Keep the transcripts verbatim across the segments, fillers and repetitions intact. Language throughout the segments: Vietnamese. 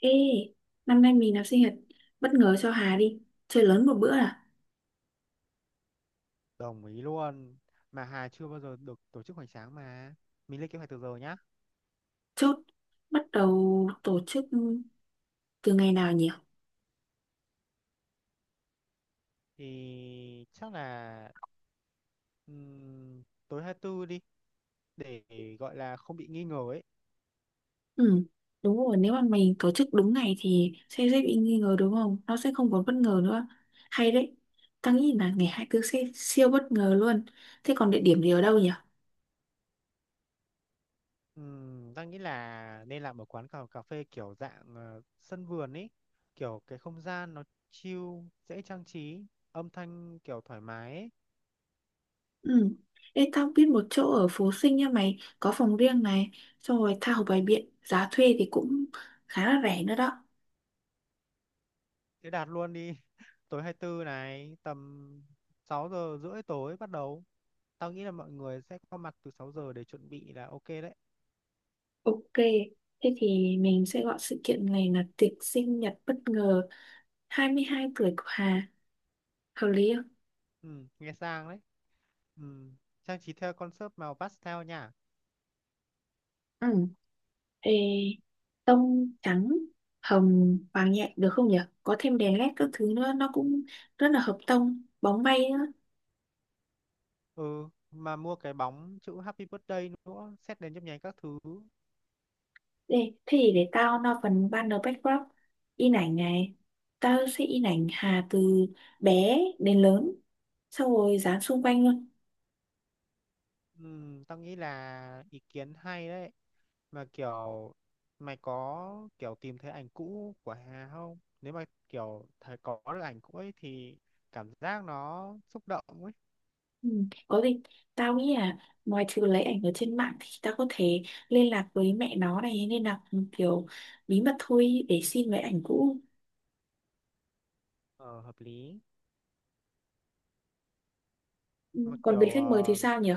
Ê, năm nay mình làm sinh nhật bất ngờ cho Hà đi, chơi lớn một bữa à? Đồng ý luôn. Mà Hà chưa bao giờ được tổ chức hoành tráng mà. Mình lên kế hoạch từ giờ nhá. Chốt, bắt đầu tổ chức từ ngày nào nhỉ? Thì chắc là ừm, tối hai tư đi để gọi là không bị nghi ngờ ấy. Ừ, đúng rồi, nếu mà mình tổ chức đúng ngày thì sẽ dễ bị nghi ngờ đúng không? Nó sẽ không còn bất ngờ nữa. Hay đấy, tao nghĩ là ngày hai tư sẽ siêu bất ngờ luôn. Thế còn địa điểm thì ở đâu nhỉ? Ừm, ta nghĩ là nên làm ở quán cà, cà phê kiểu dạng ờ, sân vườn ấy. Kiểu cái không gian nó chill, dễ trang trí, âm thanh kiểu thoải mái ấy. Ừ, ê, tao biết một chỗ ở Phú Sinh nha mày, có phòng riêng này, xong rồi tha hồ bày biện, giá thuê thì cũng khá là rẻ nữa đó. Thế đạt luôn đi. Tối hai tư này tầm sáu giờ rưỡi tối bắt đầu. Tao nghĩ là mọi người sẽ có mặt từ sáu giờ để chuẩn bị là ok đấy. Ok, thế thì mình sẽ gọi sự kiện này là tiệc sinh nhật bất ngờ hai mươi hai tuổi của Hà. Hợp lý không? Ừ, nghe sang đấy. Ừ, trang trí theo concept màu pastel nha. Ừ. Ê, tông trắng, hồng, vàng nhẹ được không nhỉ? Có thêm đèn led các thứ nữa, nó cũng rất là hợp tông, bóng bay nữa. Ừ, mà mua cái bóng chữ Happy Birthday nữa, xét đến nhấp nháy các thứ. Ê, thế thì để tao lo phần banner backdrop, in ảnh này. Tao sẽ in ảnh Hà từ bé đến lớn, xong rồi dán xung quanh luôn. Ừ, tao nghĩ là ý kiến hay đấy. Mà kiểu mày có kiểu tìm thấy ảnh cũ của Hà không? Nếu mà kiểu thấy có được ảnh cũ ấy thì cảm giác nó xúc động ấy. Ừ, có gì tao nghĩ là ngoài trừ lấy ảnh ở trên mạng thì tao có thể liên lạc với mẹ nó này nên là kiểu bí mật thôi để xin lấy ảnh cũ. Ờ, hợp lý. Ừ, Mà còn kiểu về khách mời thì uh, sao nhỉ?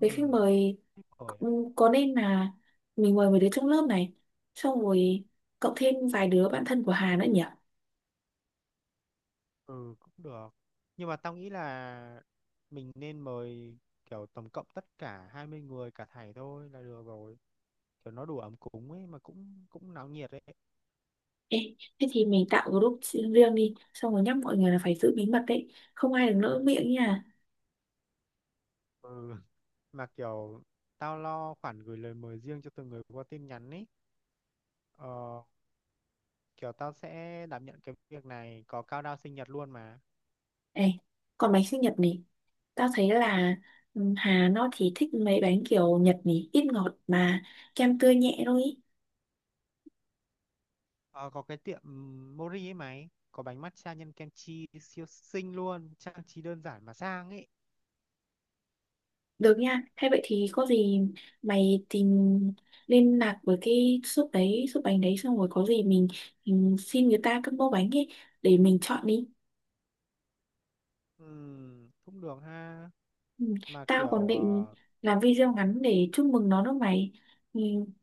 Về khách mời ừ, ừ, có nên là mình mời mấy đứa trong lớp này xong rồi cộng thêm vài đứa bạn thân của Hà nữa nhỉ? Ừ cũng được. Nhưng mà tao nghĩ là mình nên mời kiểu tổng cộng tất cả hai mươi người cả thảy thôi là được rồi. Kiểu nó đủ ấm cúng ấy mà cũng cũng náo nhiệt ấy. Ê, thế thì mình tạo group riêng đi xong rồi nhắc mọi người là phải giữ bí mật đấy, không ai được lỡ miệng nha. Ừ. Mà kiểu tao lo khoản gửi lời mời riêng cho từng người qua tin nhắn ấy. Ờ, kiểu tao sẽ đảm nhận cái việc này có cao đao sinh nhật luôn mà. Ê, còn bánh sinh nhật này, tao thấy là ừ, Hà nó thì thích mấy bánh kiểu Nhật nhỉ, ít ngọt mà kem tươi nhẹ thôi ý. Ờ, có cái tiệm ừm, Mori ấy mày, có bánh matcha nhân kem chi siêu xinh luôn, trang trí đơn giản mà sang ấy. Được nha, thế vậy thì có gì mày tìm liên lạc với cái shop đấy, shop bánh đấy xong rồi có gì mình, mình xin người ta combo bánh ấy để mình chọn đi. Ừ, cũng được ha. Ừ. Mà Tao còn kiểu định ờ, làm video ngắn để chúc mừng nó đó mày. Ừ,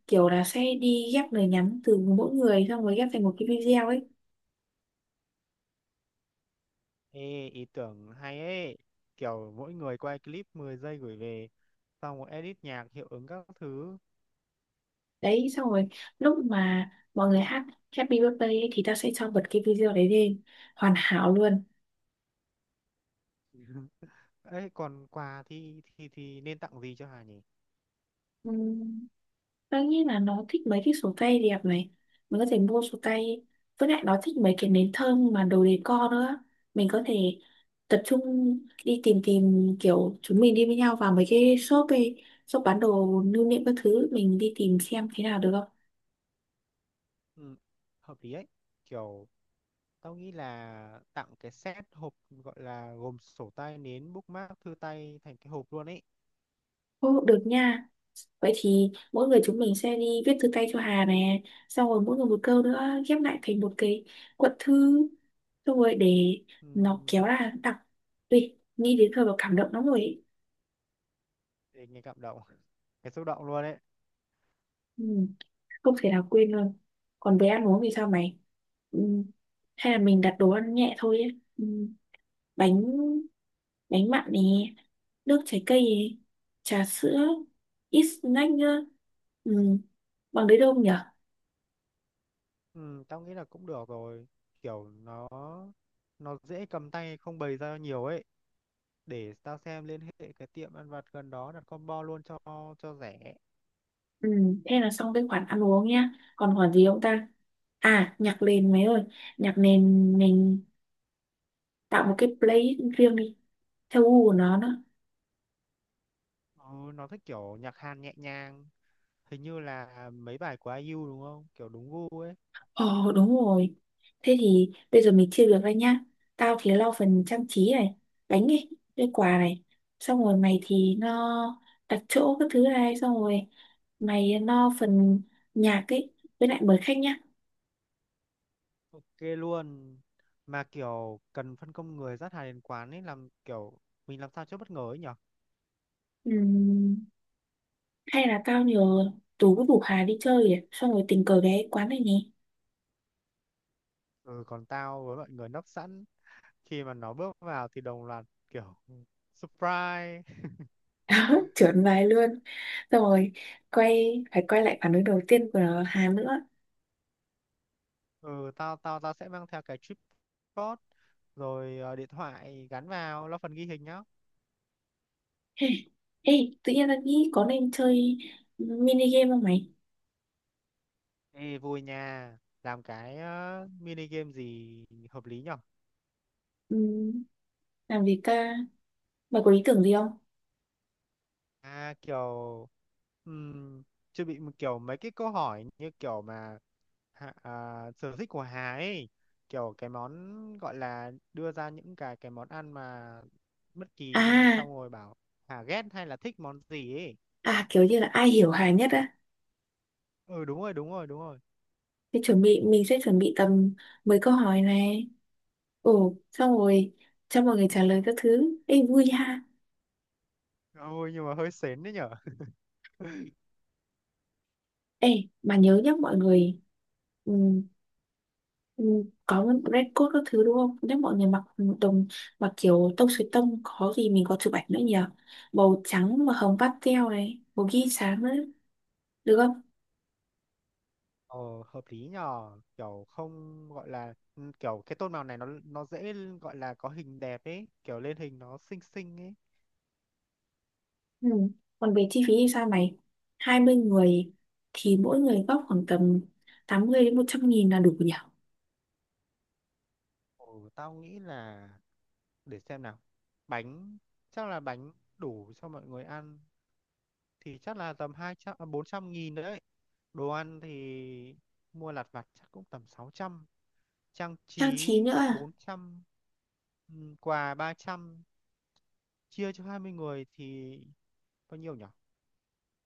kiểu là sẽ đi ghép lời nhắn từ mỗi người xong rồi ghép thành một cái video ấy. ê, ý tưởng hay ấy, kiểu mỗi người quay clip mười giây gửi về, xong rồi edit nhạc hiệu ứng các thứ. Đấy xong rồi lúc mà mọi người hát Happy Birthday ấy, thì ta sẽ cho bật cái video đấy lên, hoàn hảo luôn. Ấy còn quà thì thì thì nên tặng gì cho Hà nhỉ? Ừm, đương nhiên là nó thích mấy cái sổ tay đẹp này, mình có thể mua sổ tay, với lại nó thích mấy cái nến thơm mà đồ decor nữa, mình có thể tập trung đi tìm tìm kiểu chúng mình đi với nhau vào mấy cái shop ấy, shop bán đồ lưu niệm các thứ mình đi tìm xem thế nào được không. Ừ, hợp lý ấy, kiểu tao nghĩ là tặng cái set hộp, gọi là gồm sổ tay, nến, bookmark, thư tay thành cái hộp luôn ấy. Ô, được nha. Vậy thì mỗi người chúng mình sẽ đi viết thư tay cho Hà nè, xong rồi mỗi người một câu nữa ghép lại thành một cái cuộn thư, xong rồi để Ừ, nó kéo ra đọc. Ui, nghĩ đến thôi mà cảm động lắm rồi ấy. để nghe cảm động. Cái xúc động luôn ấy. Ừ, không thể nào quên luôn. Còn về ăn uống thì sao mày? Ừ, hay là mình đặt đồ ăn nhẹ thôi ấy. Ừ, bánh bánh mặn nè, nước trái cây nè, trà sữa, ít snack nữa, ừ, bằng đấy đâu nhỉ? Ừ, tao nghĩ là cũng được rồi, kiểu nó nó dễ cầm tay, không bày ra nhiều ấy. Để tao xem liên hệ cái tiệm ăn vặt gần đó đặt combo luôn cho cho rẻ. Ừ, thế là xong cái khoản ăn uống nhá. Còn khoản gì không ta? À, nhạc nền mấy ơi. Nhạc nền mình tạo một cái playlist riêng đi. Theo gu của nó đó. Ừ, nó thích kiểu nhạc Hàn nhẹ nhàng, hình như là mấy bài của ai i u đúng không, kiểu đúng gu ấy. Ồ, đúng rồi. Thế thì bây giờ mình chia việc ra nhá. Tao thì lo phần trang trí này, bánh này, cái quà này. Xong rồi mày thì lo đặt chỗ các thứ này. Xong rồi mày lo phần nhạc ấy. Với lại mời khách nhá. Ok luôn. Mà kiểu cần phân công người dắt hàng đến quán ấy, làm kiểu mình làm sao cho bất ngờ ấy nhở. Ừ, hay là tao nhờ Tú với Bủ Hà đi chơi nhỉ? Xong rồi tình cờ ghé quán này nhỉ? Ừ, còn tao với mọi người nấp sẵn, khi mà nó bước vào thì đồng loạt kiểu surprise. Trượt bài luôn, xong rồi quay phải quay lại phản ứng đầu tiên của Hà nữa. Ừ, tao tao tao sẽ mang theo cái tripod rồi ờ, điện thoại gắn vào, lo phần ghi hình nhá. Ê, ê, tự nhiên là nghĩ có nên chơi mini game không mày? Ê, vui nha. Làm cái ờ, mini game gì hợp lý nhở? Ừm, làm gì ta, mày có ý tưởng gì không? À kiểu um, chuẩn bị một kiểu mấy cái câu hỏi như kiểu mà hạ- à, sở thích của Hà ấy, kiểu cái món gọi là đưa ra những cái cái món ăn mà bất kỳ đi, à xong rồi bảo Hà ghét hay là thích món gì ấy. À kiểu như là ai hiểu Hà nhất á? Ừ, đúng rồi, đúng rồi, đúng rồi. Thì chuẩn bị mình sẽ chuẩn bị tầm mười câu hỏi này, ồ xong rồi cho mọi người trả lời các thứ, ê vui ha. Ôi nhưng mà hơi sến đấy nhở. Ê mà nhớ nhá mọi người, ừ, Ừ, có red coat các thứ đúng không? Nếu mọi người mặc đồng, mặc kiểu tông suối tông có gì mình có chụp ảnh nữa nhỉ? Màu trắng mà hồng pastel này, màu ghi sáng nữa, được không? Ờ, hợp lý nhờ, kiểu không gọi là ừ, kiểu cái tôn màu này nó nó dễ, gọi là có hình đẹp ấy, kiểu lên hình nó xinh xinh ấy. Ừ. Còn về chi phí thì sao mày? Hai mươi người thì mỗi người góp khoảng tầm tám mươi đến một trăm nghìn là đủ nhỉ? Ồ, tao nghĩ là, để xem nào, bánh, chắc là bánh đủ cho mọi người ăn thì chắc là tầm hai trăm à, bốn trăm nghìn đấy. Đồ ăn thì mua lặt vặt chắc cũng tầm sáu trăm. Trang Trang trí trí nữa à? bốn trăm. Ừ, quà ba trăm. Chia cho hai mươi người thì bao nhiêu nhỉ?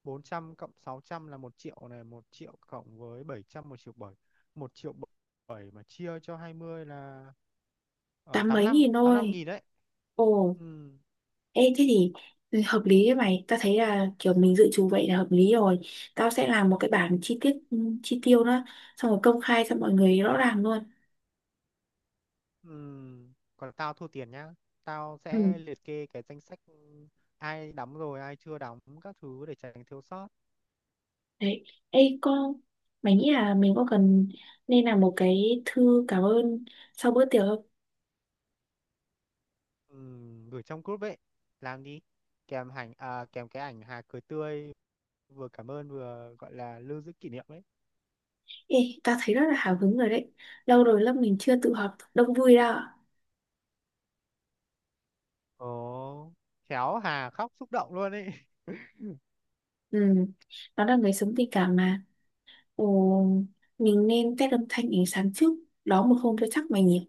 Bốn trăm cộng sáu trăm là một triệu này, một triệu cộng với bảy trăm một triệu bảy, một triệu bảy mà chia cho hai mươi là ờ, Tám tám mươi mấy lăm nghìn tám mươi lăm thôi. nghìn đấy. Ồ, Ừ, ê, thế thì hợp lý đấy mày. Tao thấy là kiểu mình dự trù vậy là hợp lý rồi. Tao sẽ làm một cái bảng chi tiết, ừ, chi tiêu đó. Xong rồi công khai cho mọi người rõ ràng luôn. ừ. Còn tao thua tiền nhá. Tao Ừ, sẽ liệt kê cái danh sách ai đóng rồi, ai chưa đóng các thứ để tránh thiếu sót. đấy. Ê, con, mày nghĩ là mình có cần nên làm một cái thư cảm ơn sau bữa tiệc không? Ừ, gửi trong group ấy. Làm đi. Kèm ảnh à, kèm cái ảnh Hà cười tươi, vừa cảm ơn vừa gọi là lưu giữ kỷ niệm ấy. Ê, tao thấy rất là hào hứng rồi đấy. Lâu rồi lớp mình chưa tụ họp đông vui đâu. Ồ, khéo Hà khóc xúc động luôn ấy. Ừ, nó là người sống tình cảm mà. Ồ, mình nên test âm thanh ánh sáng trước. Đó một hôm cho chắc mày nhỉ?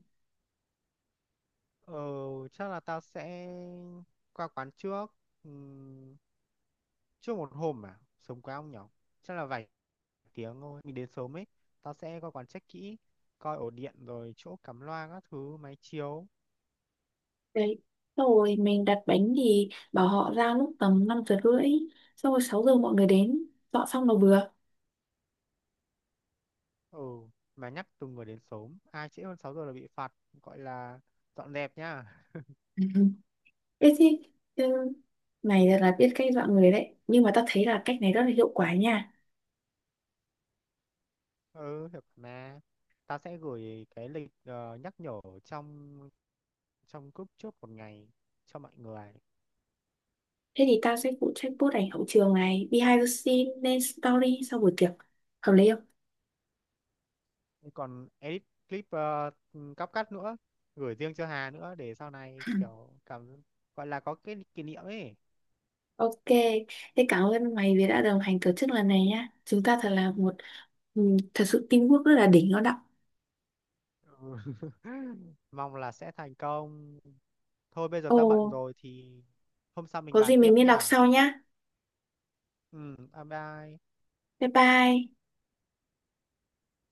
Ờ, chắc là tao sẽ qua quán trước. Ừm, Trước một hôm à, sớm quá ông nhỏ. Chắc là vài tiếng thôi, mình đến sớm ấy. Tao sẽ qua quán check kỹ, coi ổ điện rồi chỗ cắm loa các thứ, máy chiếu. Đấy. Xong rồi mình đặt bánh thì bảo họ ra lúc tầm năm giờ rưỡi, xong rồi sáu giờ mọi người đến, dọn xong là vừa. Ừ, mà nhắc từng người đến sớm, ai trễ hơn sáu giờ là bị phạt, gọi là dọn dẹp nhá. Ừ. Ê thế ừ, mày thật là biết cách dọn người đấy. Nhưng mà tao thấy là cách này rất là hiệu quả nha. Ừ, được mà. Tao sẽ gửi cái lịch ờ, nhắc nhở trong trong group trước một ngày cho mọi người. Thế thì tao sẽ phụ trách post ảnh hậu trường này, Behind the scene lên story sau buổi tiệc. Hợp lý không? Còn edit clip ờ, cắp cắt nữa, gửi riêng cho Hà nữa để sau này kiểu cảm, gọi là có cái kỷ niệm ấy. Ok, thế cảm ơn mày vì đã đồng hành tổ chức lần này nhá. Chúng ta thật là một ừ, thật sự teamwork rất là đỉnh nó đậm. Ừ. Mong là sẽ thành công. Thôi bây giờ Ồ, ta bận rồi thì hôm sau mình có gì bàn tiếp mình liên lạc nhá. sau nhá. Ừ, bye bye. Bye bye.